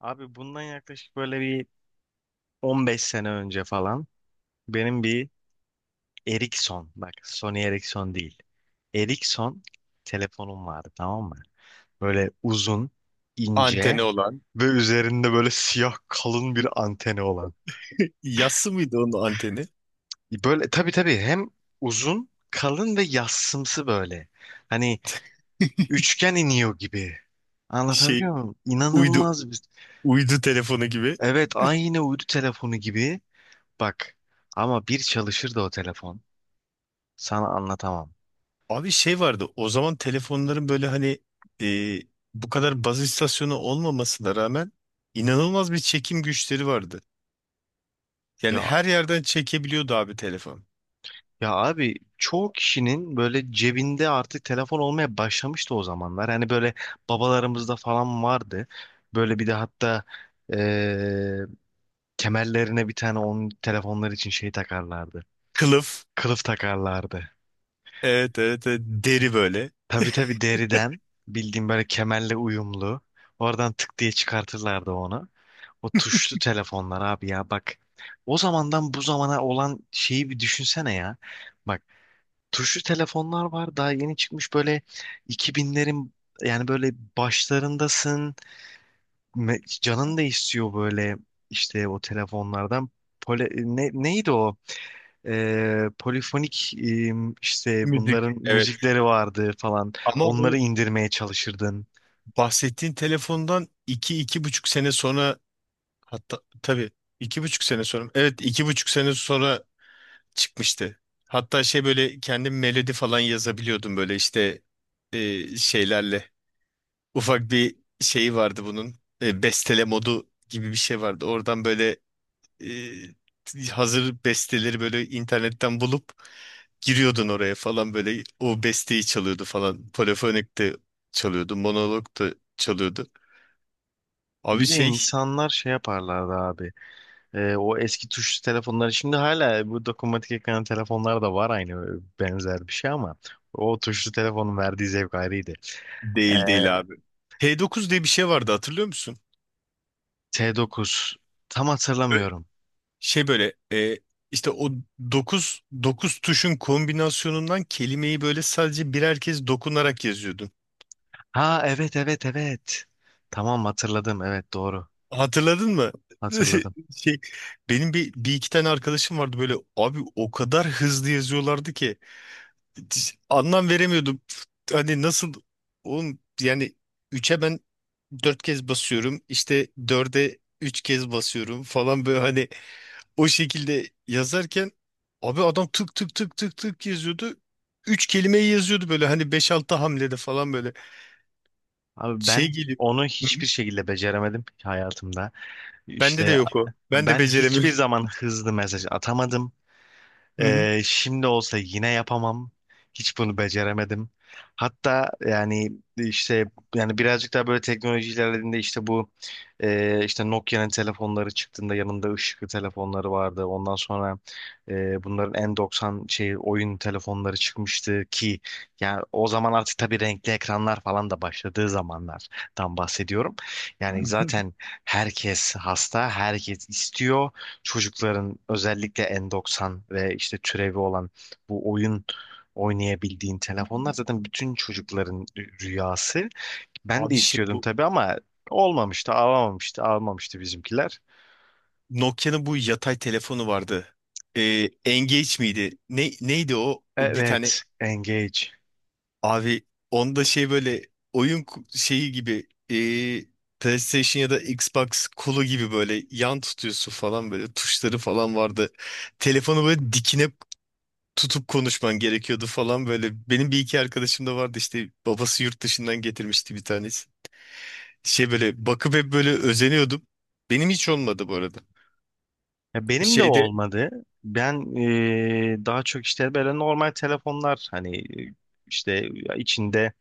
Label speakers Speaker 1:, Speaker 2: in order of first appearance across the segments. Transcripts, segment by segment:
Speaker 1: Abi bundan yaklaşık böyle bir 15 sene önce falan benim bir Ericsson, bak, Sony Ericsson değil. Ericsson telefonum vardı, tamam mı? Böyle uzun, ince
Speaker 2: Anteni olan.
Speaker 1: ve üzerinde böyle siyah kalın bir anteni olan.
Speaker 2: Yassı mıydı onun anteni?
Speaker 1: Böyle tabii tabii, hem uzun, kalın ve yassımsı böyle. Hani üçgen iniyor gibi. Anlatabiliyor
Speaker 2: Şey,
Speaker 1: muyum?
Speaker 2: uydu
Speaker 1: İnanılmaz bir...
Speaker 2: uydu telefonu gibi.
Speaker 1: Evet, aynı uydu telefonu gibi. Bak, ama bir çalışırdı o telefon. Sana anlatamam.
Speaker 2: Abi şey vardı o zaman telefonların, böyle hani e, bu kadar baz istasyonu olmamasına rağmen inanılmaz bir çekim güçleri vardı. Yani
Speaker 1: Ya
Speaker 2: her yerden çekebiliyordu abi telefon.
Speaker 1: ya abi, çoğu kişinin böyle cebinde artık telefon olmaya başlamıştı o zamanlar. Hani böyle babalarımızda falan vardı. Böyle bir de hatta, eee, kemerlerine bir tane onun telefonlar için şey takarlardı.
Speaker 2: Kılıf.
Speaker 1: Kılıf takarlardı.
Speaker 2: Evet, evet, evet. Deri böyle.
Speaker 1: Tabii tabii deriden, bildiğim böyle kemerle uyumlu. Oradan tık diye çıkartırlardı onu. O tuşlu telefonlar abi ya, bak. O zamandan bu zamana olan şeyi bir düşünsene ya. Bak, tuşlu telefonlar var, daha yeni çıkmış, böyle 2000'lerin yani böyle başlarındasın, canın da istiyor böyle işte o telefonlardan. Neydi o? Polifonik, işte
Speaker 2: Müzik.
Speaker 1: bunların
Speaker 2: Evet.
Speaker 1: müzikleri vardı falan,
Speaker 2: Ama
Speaker 1: onları
Speaker 2: o
Speaker 1: indirmeye çalışırdın.
Speaker 2: bahsettiğin telefondan iki, iki buçuk sene sonra, hatta tabii iki buçuk sene sonra, evet iki buçuk sene sonra çıkmıştı. Hatta şey böyle kendim melodi falan yazabiliyordum, böyle işte şeylerle. Ufak bir şeyi vardı bunun. Bestele modu gibi bir şey vardı. Oradan böyle hazır besteleri böyle internetten bulup giriyordun oraya falan, böyle o besteyi çalıyordu falan. Polifonik de çalıyordu, monolog da çalıyordu. Abi
Speaker 1: Bir de
Speaker 2: şey,
Speaker 1: insanlar şey yaparlardı abi. O eski tuşlu telefonları şimdi hala, bu dokunmatik ekranlı telefonlar da var, aynı benzer bir şey, ama o tuşlu telefonun verdiği zevk ayrıydı.
Speaker 2: değil değil abi. T9 diye bir şey vardı, hatırlıyor musun?
Speaker 1: T9. Tam hatırlamıyorum.
Speaker 2: Şey böyle işte o dokuz tuşun kombinasyonundan kelimeyi böyle sadece birer kez dokunarak yazıyordun.
Speaker 1: Ha evet evet evet. Tamam, hatırladım. Evet, doğru.
Speaker 2: Hatırladın mı?
Speaker 1: Hatırladım.
Speaker 2: Şey, benim bir, bir iki tane arkadaşım vardı, böyle abi o kadar hızlı yazıyorlardı ki hiç anlam veremiyordum. Hani nasıl oğlum, yani üçe ben 4 kez basıyorum, işte dörde 3 kez basıyorum falan böyle, hani o şekilde yazarken abi adam tık tık tık tık tık yazıyordu. Üç kelimeyi yazıyordu böyle hani beş altı hamlede falan böyle.
Speaker 1: Abi,
Speaker 2: Şey
Speaker 1: ben
Speaker 2: geliyor.
Speaker 1: onu
Speaker 2: Hı
Speaker 1: hiçbir
Speaker 2: hı.
Speaker 1: şekilde beceremedim hayatımda.
Speaker 2: Bende de
Speaker 1: İşte
Speaker 2: yok o. Ben de
Speaker 1: ben hiçbir
Speaker 2: beceremiyorum.
Speaker 1: zaman hızlı mesaj atamadım.
Speaker 2: Hı hı.
Speaker 1: Şimdi olsa yine yapamam. Hiç bunu beceremedim. Hatta yani işte, yani birazcık daha böyle teknoloji ilerlediğinde, işte bu işte Nokia'nın telefonları çıktığında yanında ışıklı telefonları vardı. Ondan sonra bunların N90 şey oyun telefonları çıkmıştı ki, yani o zaman artık tabii renkli ekranlar falan da başladığı zamanlardan bahsediyorum. Yani zaten herkes hasta, herkes istiyor, çocukların özellikle N90 ve işte türevi olan bu oyun oynayabildiğin telefonlar zaten bütün çocukların rüyası. Ben de
Speaker 2: Abi şey,
Speaker 1: istiyordum
Speaker 2: bu
Speaker 1: tabii, ama olmamıştı, alamamıştı, almamıştı bizimkiler.
Speaker 2: Nokia'nın bu yatay telefonu vardı. Engage miydi? Neydi o? O bir tane...
Speaker 1: Evet, Engage.
Speaker 2: Abi, onda şey böyle, oyun şeyi gibi, PlayStation ya da Xbox kolu gibi böyle yan tutuyorsun falan, böyle tuşları falan vardı. Telefonu böyle dikine tutup konuşman gerekiyordu falan böyle. Benim bir iki arkadaşım da vardı, işte babası yurt dışından getirmişti bir tanesi. Şey böyle bakıp hep böyle özeniyordum. Benim hiç olmadı bu arada.
Speaker 1: Ya benim de
Speaker 2: Şeyde
Speaker 1: olmadı. Ben daha çok işte böyle normal telefonlar, hani işte içinde,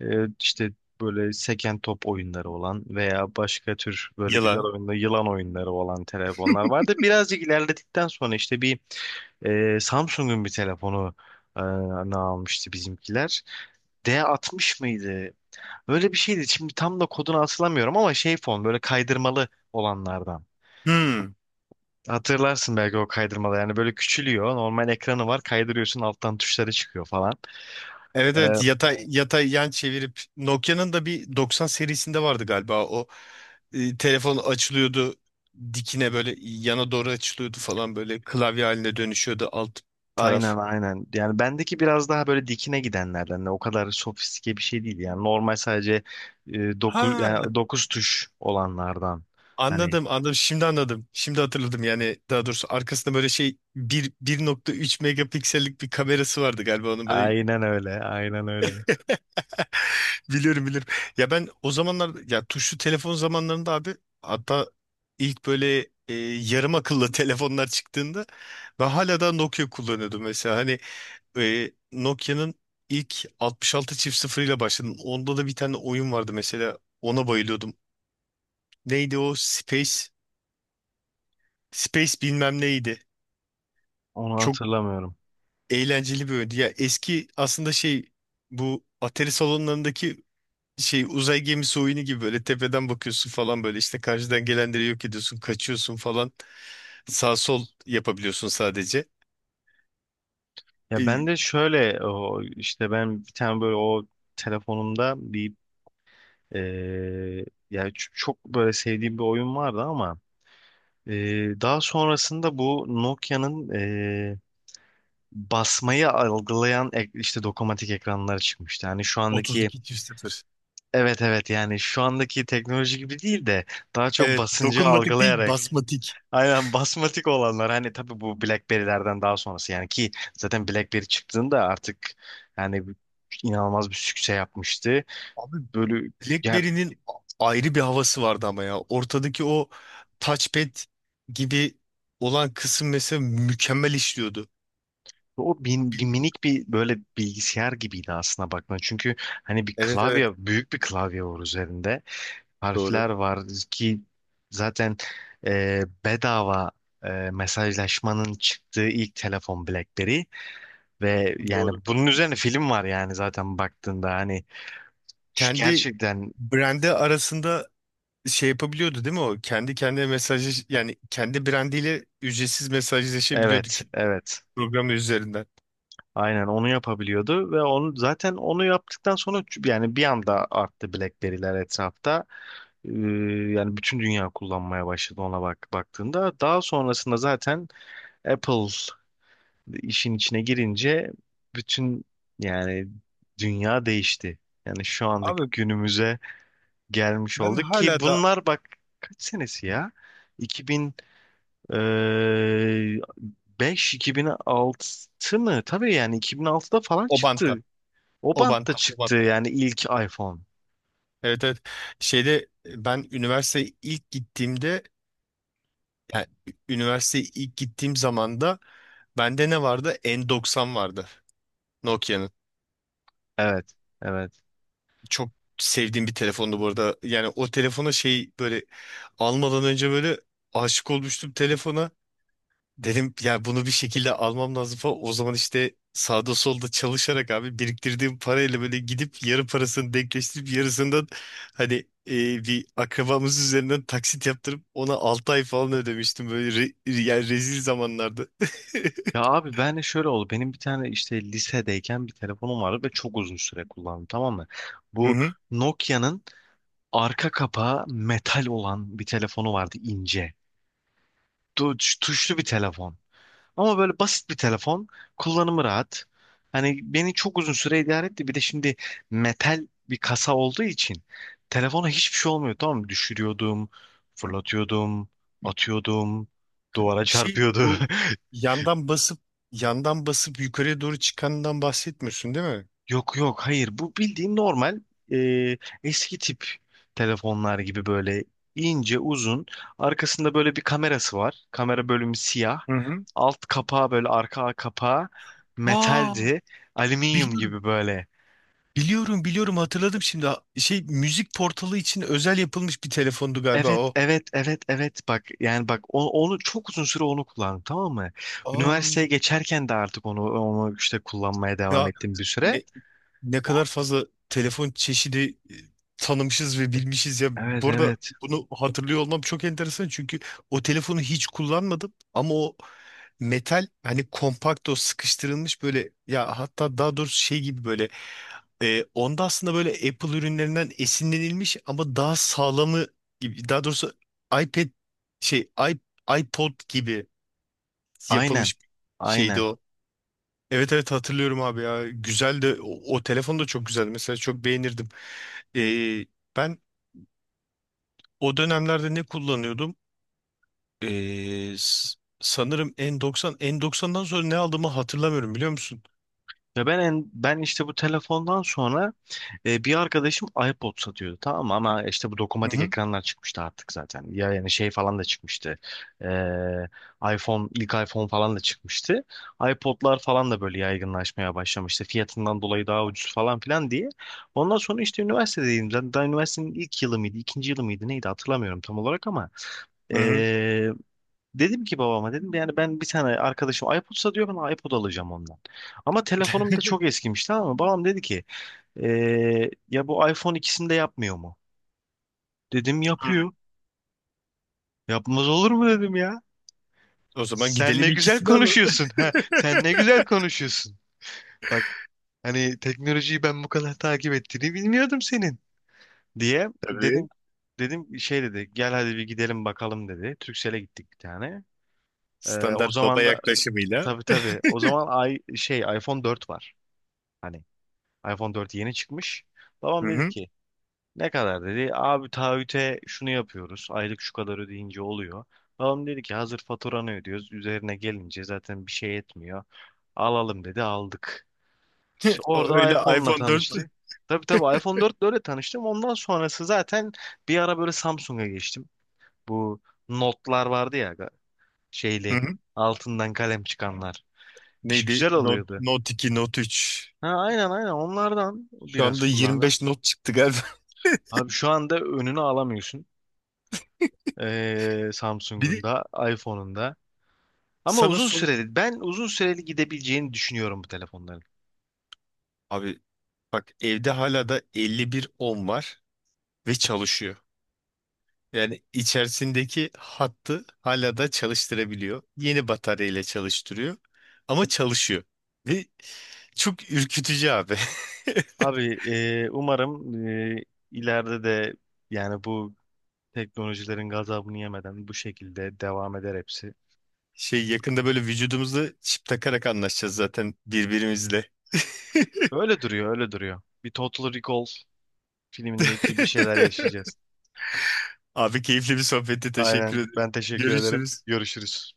Speaker 1: İşte böyle seken top oyunları olan veya başka tür böyle güzel
Speaker 2: yalan.
Speaker 1: oyunlu, yılan oyunları olan telefonlar vardı. Birazcık ilerledikten sonra işte bir Samsung'un bir telefonu, e, ne almıştı bizimkiler. D60 mıydı? Öyle bir şeydi. Şimdi tam da kodunu hatırlamıyorum, ama şey fon böyle kaydırmalı olanlardan.
Speaker 2: Hmm.
Speaker 1: Hatırlarsın belki o kaydırmalı, yani böyle küçülüyor. Normal ekranı var, kaydırıyorsun alttan tuşları çıkıyor falan.
Speaker 2: Evet,
Speaker 1: Ee,
Speaker 2: evet, yatay yatay yan çevirip Nokia'nın da bir 90 serisinde vardı galiba o. Telefon açılıyordu dikine, böyle yana doğru açılıyordu falan böyle, klavye haline dönüşüyordu alt taraf.
Speaker 1: Aynen aynen. Yani bendeki biraz daha böyle dikine gidenlerden. Hani o kadar sofistike bir şey değil. Yani normal sadece
Speaker 2: Ha,
Speaker 1: yani dokuz tuş olanlardan. Hani
Speaker 2: anladım anladım, şimdi anladım, şimdi hatırladım. Yani daha doğrusu arkasında böyle şey, 1,3 megapiksellik bir kamerası vardı galiba onun böyle.
Speaker 1: aynen öyle. Aynen öyle.
Speaker 2: Biliyorum biliyorum, ya ben o zamanlar, ya tuşlu telefon zamanlarında abi, hatta ilk böyle yarım akıllı telefonlar çıktığında ben hala da Nokia kullanıyordum mesela. Hani Nokia'nın ilk 66 çift sıfır ile başladım. Onda da bir tane oyun vardı mesela. Ona bayılıyordum. Neydi o? Space. Space bilmem neydi.
Speaker 1: Onu
Speaker 2: Çok
Speaker 1: hatırlamıyorum.
Speaker 2: eğlenceli bir oyundu. Ya eski, aslında şey, bu Atari salonlarındaki şey uzay gemisi oyunu gibi, böyle tepeden bakıyorsun falan, böyle işte karşıdan gelenleri yok ediyorsun, kaçıyorsun falan. Sağ sol yapabiliyorsun sadece.
Speaker 1: Ya ben
Speaker 2: E,
Speaker 1: de şöyle, o işte ben bir tane böyle o telefonumda bir, e, yani çok böyle sevdiğim bir oyun vardı, ama daha sonrasında bu Nokia'nın, e, basmayı algılayan işte dokunmatik ekranlar çıkmıştı. Yani şu andaki,
Speaker 2: 32 çift sıfır.
Speaker 1: evet evet, yani şu andaki teknoloji gibi değil de daha çok
Speaker 2: Evet,
Speaker 1: basıncı
Speaker 2: dokunmatik değil,
Speaker 1: algılayarak
Speaker 2: basmatik.
Speaker 1: aynen basmatik olanlar, hani tabii bu BlackBerry'lerden daha sonrası, yani ki zaten BlackBerry çıktığında artık, yani inanılmaz bir sükse yapmıştı.
Speaker 2: Abi,
Speaker 1: Böyle yani,
Speaker 2: BlackBerry'nin ayrı bir havası vardı ama ya. Ortadaki o touchpad gibi olan kısım mesela mükemmel işliyordu.
Speaker 1: o bin, bir minik bir böyle bilgisayar gibiydi aslına bakma. Çünkü hani bir
Speaker 2: Evet, evet,
Speaker 1: klavye, büyük bir klavye var üzerinde.
Speaker 2: doğru
Speaker 1: Harfler var ki zaten bedava mesajlaşmanın çıktığı ilk telefon BlackBerry, ve yani
Speaker 2: doğru.
Speaker 1: bunun üzerine film var, yani zaten baktığında, hani şu
Speaker 2: Kendi
Speaker 1: gerçekten,
Speaker 2: brandi arasında şey yapabiliyordu değil mi o? Kendi kendine mesajı, yani kendi brandiyle ücretsiz mesajlaşabiliyordu,
Speaker 1: evet evet.
Speaker 2: programı üzerinden.
Speaker 1: Aynen onu yapabiliyordu ve onu, zaten onu yaptıktan sonra yani bir anda arttı BlackBerry'ler etrafta. Ee, yani bütün dünya kullanmaya başladı ona bak baktığında. Daha sonrasında zaten Apple işin içine girince bütün, yani dünya değişti. Yani şu andaki
Speaker 2: Abi,
Speaker 1: günümüze gelmiş
Speaker 2: ben
Speaker 1: olduk ki
Speaker 2: hala da
Speaker 1: bunlar, bak kaç senesi ya? 2005 2006 mı? Tabii yani 2006'da falan
Speaker 2: Obanta,
Speaker 1: çıktı, o bantta
Speaker 2: Obanta,
Speaker 1: çıktı
Speaker 2: Obanta.
Speaker 1: yani ilk iPhone.
Speaker 2: Evet, evet. Şeyde, ben üniversiteye ilk gittiğimde, yani üniversiteye ilk gittiğim zaman da bende ne vardı? N90 vardı Nokia'nın.
Speaker 1: Evet, evet.
Speaker 2: Çok sevdiğim bir telefondu bu arada. Yani o telefona şey, böyle almadan önce böyle aşık olmuştum telefona. Dedim ya, bunu bir şekilde almam lazım falan. O zaman işte sağda solda çalışarak abi, biriktirdiğim parayla böyle gidip yarı parasını denkleştirip, yarısından hani e, bir akrabamız üzerinden taksit yaptırıp ona 6 ay falan ödemiştim böyle. Yani rezil zamanlardı.
Speaker 1: Ya abi, ben de şöyle oldu. Benim bir tane işte lisedeyken bir telefonum vardı ve çok uzun süre kullandım, tamam mı?
Speaker 2: Hı
Speaker 1: Bu
Speaker 2: hı.
Speaker 1: Nokia'nın arka kapağı metal olan bir telefonu vardı, ince. Tuşlu bir telefon. Ama böyle basit bir telefon. Kullanımı rahat. Hani beni çok uzun süre idare etti. Bir de şimdi metal bir kasa olduğu için telefona hiçbir şey olmuyor. Tamam mı? Düşürüyordum, fırlatıyordum, atıyordum, duvara
Speaker 2: Şey,
Speaker 1: çarpıyordu.
Speaker 2: bu yandan basıp yandan basıp yukarıya doğru çıkandan bahsetmiyorsun değil mi?
Speaker 1: Yok yok, hayır, bu bildiğin normal e, eski tip telefonlar gibi, böyle ince uzun, arkasında böyle bir kamerası var, kamera bölümü siyah,
Speaker 2: Hı hı.
Speaker 1: alt kapağı böyle arka kapağı
Speaker 2: Aa,
Speaker 1: metaldi, alüminyum
Speaker 2: biliyorum.
Speaker 1: gibi böyle.
Speaker 2: Biliyorum biliyorum, hatırladım şimdi. Şey, müzik portalı için özel yapılmış bir telefondu galiba
Speaker 1: Evet
Speaker 2: o.
Speaker 1: evet evet evet, bak yani bak, onu çok uzun süre onu kullandım, tamam mı?
Speaker 2: Aa,
Speaker 1: Üniversiteye geçerken de artık onu işte kullanmaya devam
Speaker 2: ya,
Speaker 1: ettim bir süre.
Speaker 2: ne ne kadar fazla telefon çeşidi e, tanımışız ve bilmişiz ya.
Speaker 1: Evet
Speaker 2: Bu arada,
Speaker 1: evet
Speaker 2: bunu hatırlıyor olmam çok enteresan çünkü o telefonu hiç kullanmadım, ama o metal, hani kompakt, o sıkıştırılmış böyle ya, hatta daha doğrusu şey gibi böyle. Onda aslında böyle Apple ürünlerinden esinlenilmiş ama daha sağlamı gibi, daha doğrusu iPad şey, iPod gibi
Speaker 1: aynen
Speaker 2: yapılmış şeydi
Speaker 1: aynen.
Speaker 2: o. Evet, evet, hatırlıyorum abi ya. Güzel de, o telefon da çok güzeldi. Mesela çok beğenirdim. E, ben o dönemlerde ne kullanıyordum? Sanırım N90. N90'dan sonra ne aldığımı hatırlamıyorum, biliyor musun?
Speaker 1: Ve ben işte bu telefondan sonra bir arkadaşım iPod satıyordu, tamam mı? Ama işte bu
Speaker 2: Hı
Speaker 1: dokunmatik
Speaker 2: hı.
Speaker 1: ekranlar çıkmıştı artık zaten. Ya yani şey falan da çıkmıştı. E, iPhone, ilk iPhone falan da çıkmıştı. iPod'lar falan da böyle yaygınlaşmaya başlamıştı. Fiyatından dolayı daha ucuz falan filan diye. Ondan sonra işte üniversitedeydim. Zaten daha üniversitenin ilk yılı mıydı, ikinci yılı mıydı, neydi hatırlamıyorum tam olarak, ama
Speaker 2: Hı hı.
Speaker 1: e, dedim ki, babama dedim yani, ben bir tane arkadaşım iPod satıyor, ben iPod alacağım ondan. Ama telefonum da çok eskimiş, tamam mı? Babam dedi ki, ya bu iPhone ikisini de yapmıyor mu? Dedim,
Speaker 2: Hı.
Speaker 1: yapıyor. Yapmaz olur mu dedim ya.
Speaker 2: O zaman
Speaker 1: Sen
Speaker 2: gidelim
Speaker 1: ne güzel
Speaker 2: ikisini alalım.
Speaker 1: konuşuyorsun. Ha, sen ne güzel konuşuyorsun. Bak, hani teknolojiyi ben bu kadar takip ettiğini bilmiyordum senin, diye
Speaker 2: Tabii.
Speaker 1: dedim. Dedim, şey dedi, gel hadi bir gidelim bakalım, dedi. Turkcell'e gittik bir tane. Ee, o
Speaker 2: Standart baba
Speaker 1: zaman da
Speaker 2: yaklaşımıyla.
Speaker 1: tabii tabii, o zaman ay, şey iPhone 4 var. Hani iPhone 4 yeni çıkmış.
Speaker 2: Hı
Speaker 1: Babam dedi
Speaker 2: hı.
Speaker 1: ki, ne kadar dedi? Abi taahhüte şunu yapıyoruz. Aylık şu kadar ödeyince oluyor. Babam dedi ki, hazır faturanı ödüyoruz. Üzerine gelince zaten bir şey etmiyor. Alalım dedi, aldık. İşte
Speaker 2: O,
Speaker 1: orada
Speaker 2: öyle,
Speaker 1: iPhone'la
Speaker 2: iPhone 4.
Speaker 1: tanıştı. Tabii tabii iPhone 4 öyle tanıştım. Ondan sonrası zaten bir ara böyle Samsung'a geçtim. Bu notlar vardı ya,
Speaker 2: Hı
Speaker 1: şeyli,
Speaker 2: hı.
Speaker 1: altından kalem çıkanlar. İş
Speaker 2: Neydi?
Speaker 1: güzel
Speaker 2: Note,
Speaker 1: oluyordu.
Speaker 2: Note 2, Note 3.
Speaker 1: Ha, aynen aynen onlardan
Speaker 2: Şu
Speaker 1: biraz
Speaker 2: anda
Speaker 1: kullandım.
Speaker 2: 25 Note çıktı galiba.
Speaker 1: Abi şu anda önünü alamıyorsun.
Speaker 2: Bir
Speaker 1: Samsung'un
Speaker 2: de
Speaker 1: da iPhone'un da. Ama
Speaker 2: sana
Speaker 1: uzun
Speaker 2: son...
Speaker 1: süreli, ben uzun süreli gidebileceğini düşünüyorum bu telefonların.
Speaker 2: Abi bak, evde hala da 51 10 var ve çalışıyor. Yani içerisindeki hattı hala da çalıştırabiliyor. Yeni bataryayla çalıştırıyor. Ama çalışıyor. Ve çok ürkütücü abi.
Speaker 1: Abi umarım ileride de yani bu teknolojilerin gazabını yemeden bu şekilde devam eder hepsi.
Speaker 2: Şey, yakında böyle vücudumuza çip takarak anlaşacağız zaten birbirimizle.
Speaker 1: Öyle duruyor, öyle duruyor. Bir Total Recall filmindeki gibi şeyler yaşayacağız.
Speaker 2: Abi, keyifli bir sohbetti. Teşekkür
Speaker 1: Aynen.
Speaker 2: ederim.
Speaker 1: Ben teşekkür ederim.
Speaker 2: Görüşürüz.
Speaker 1: Görüşürüz.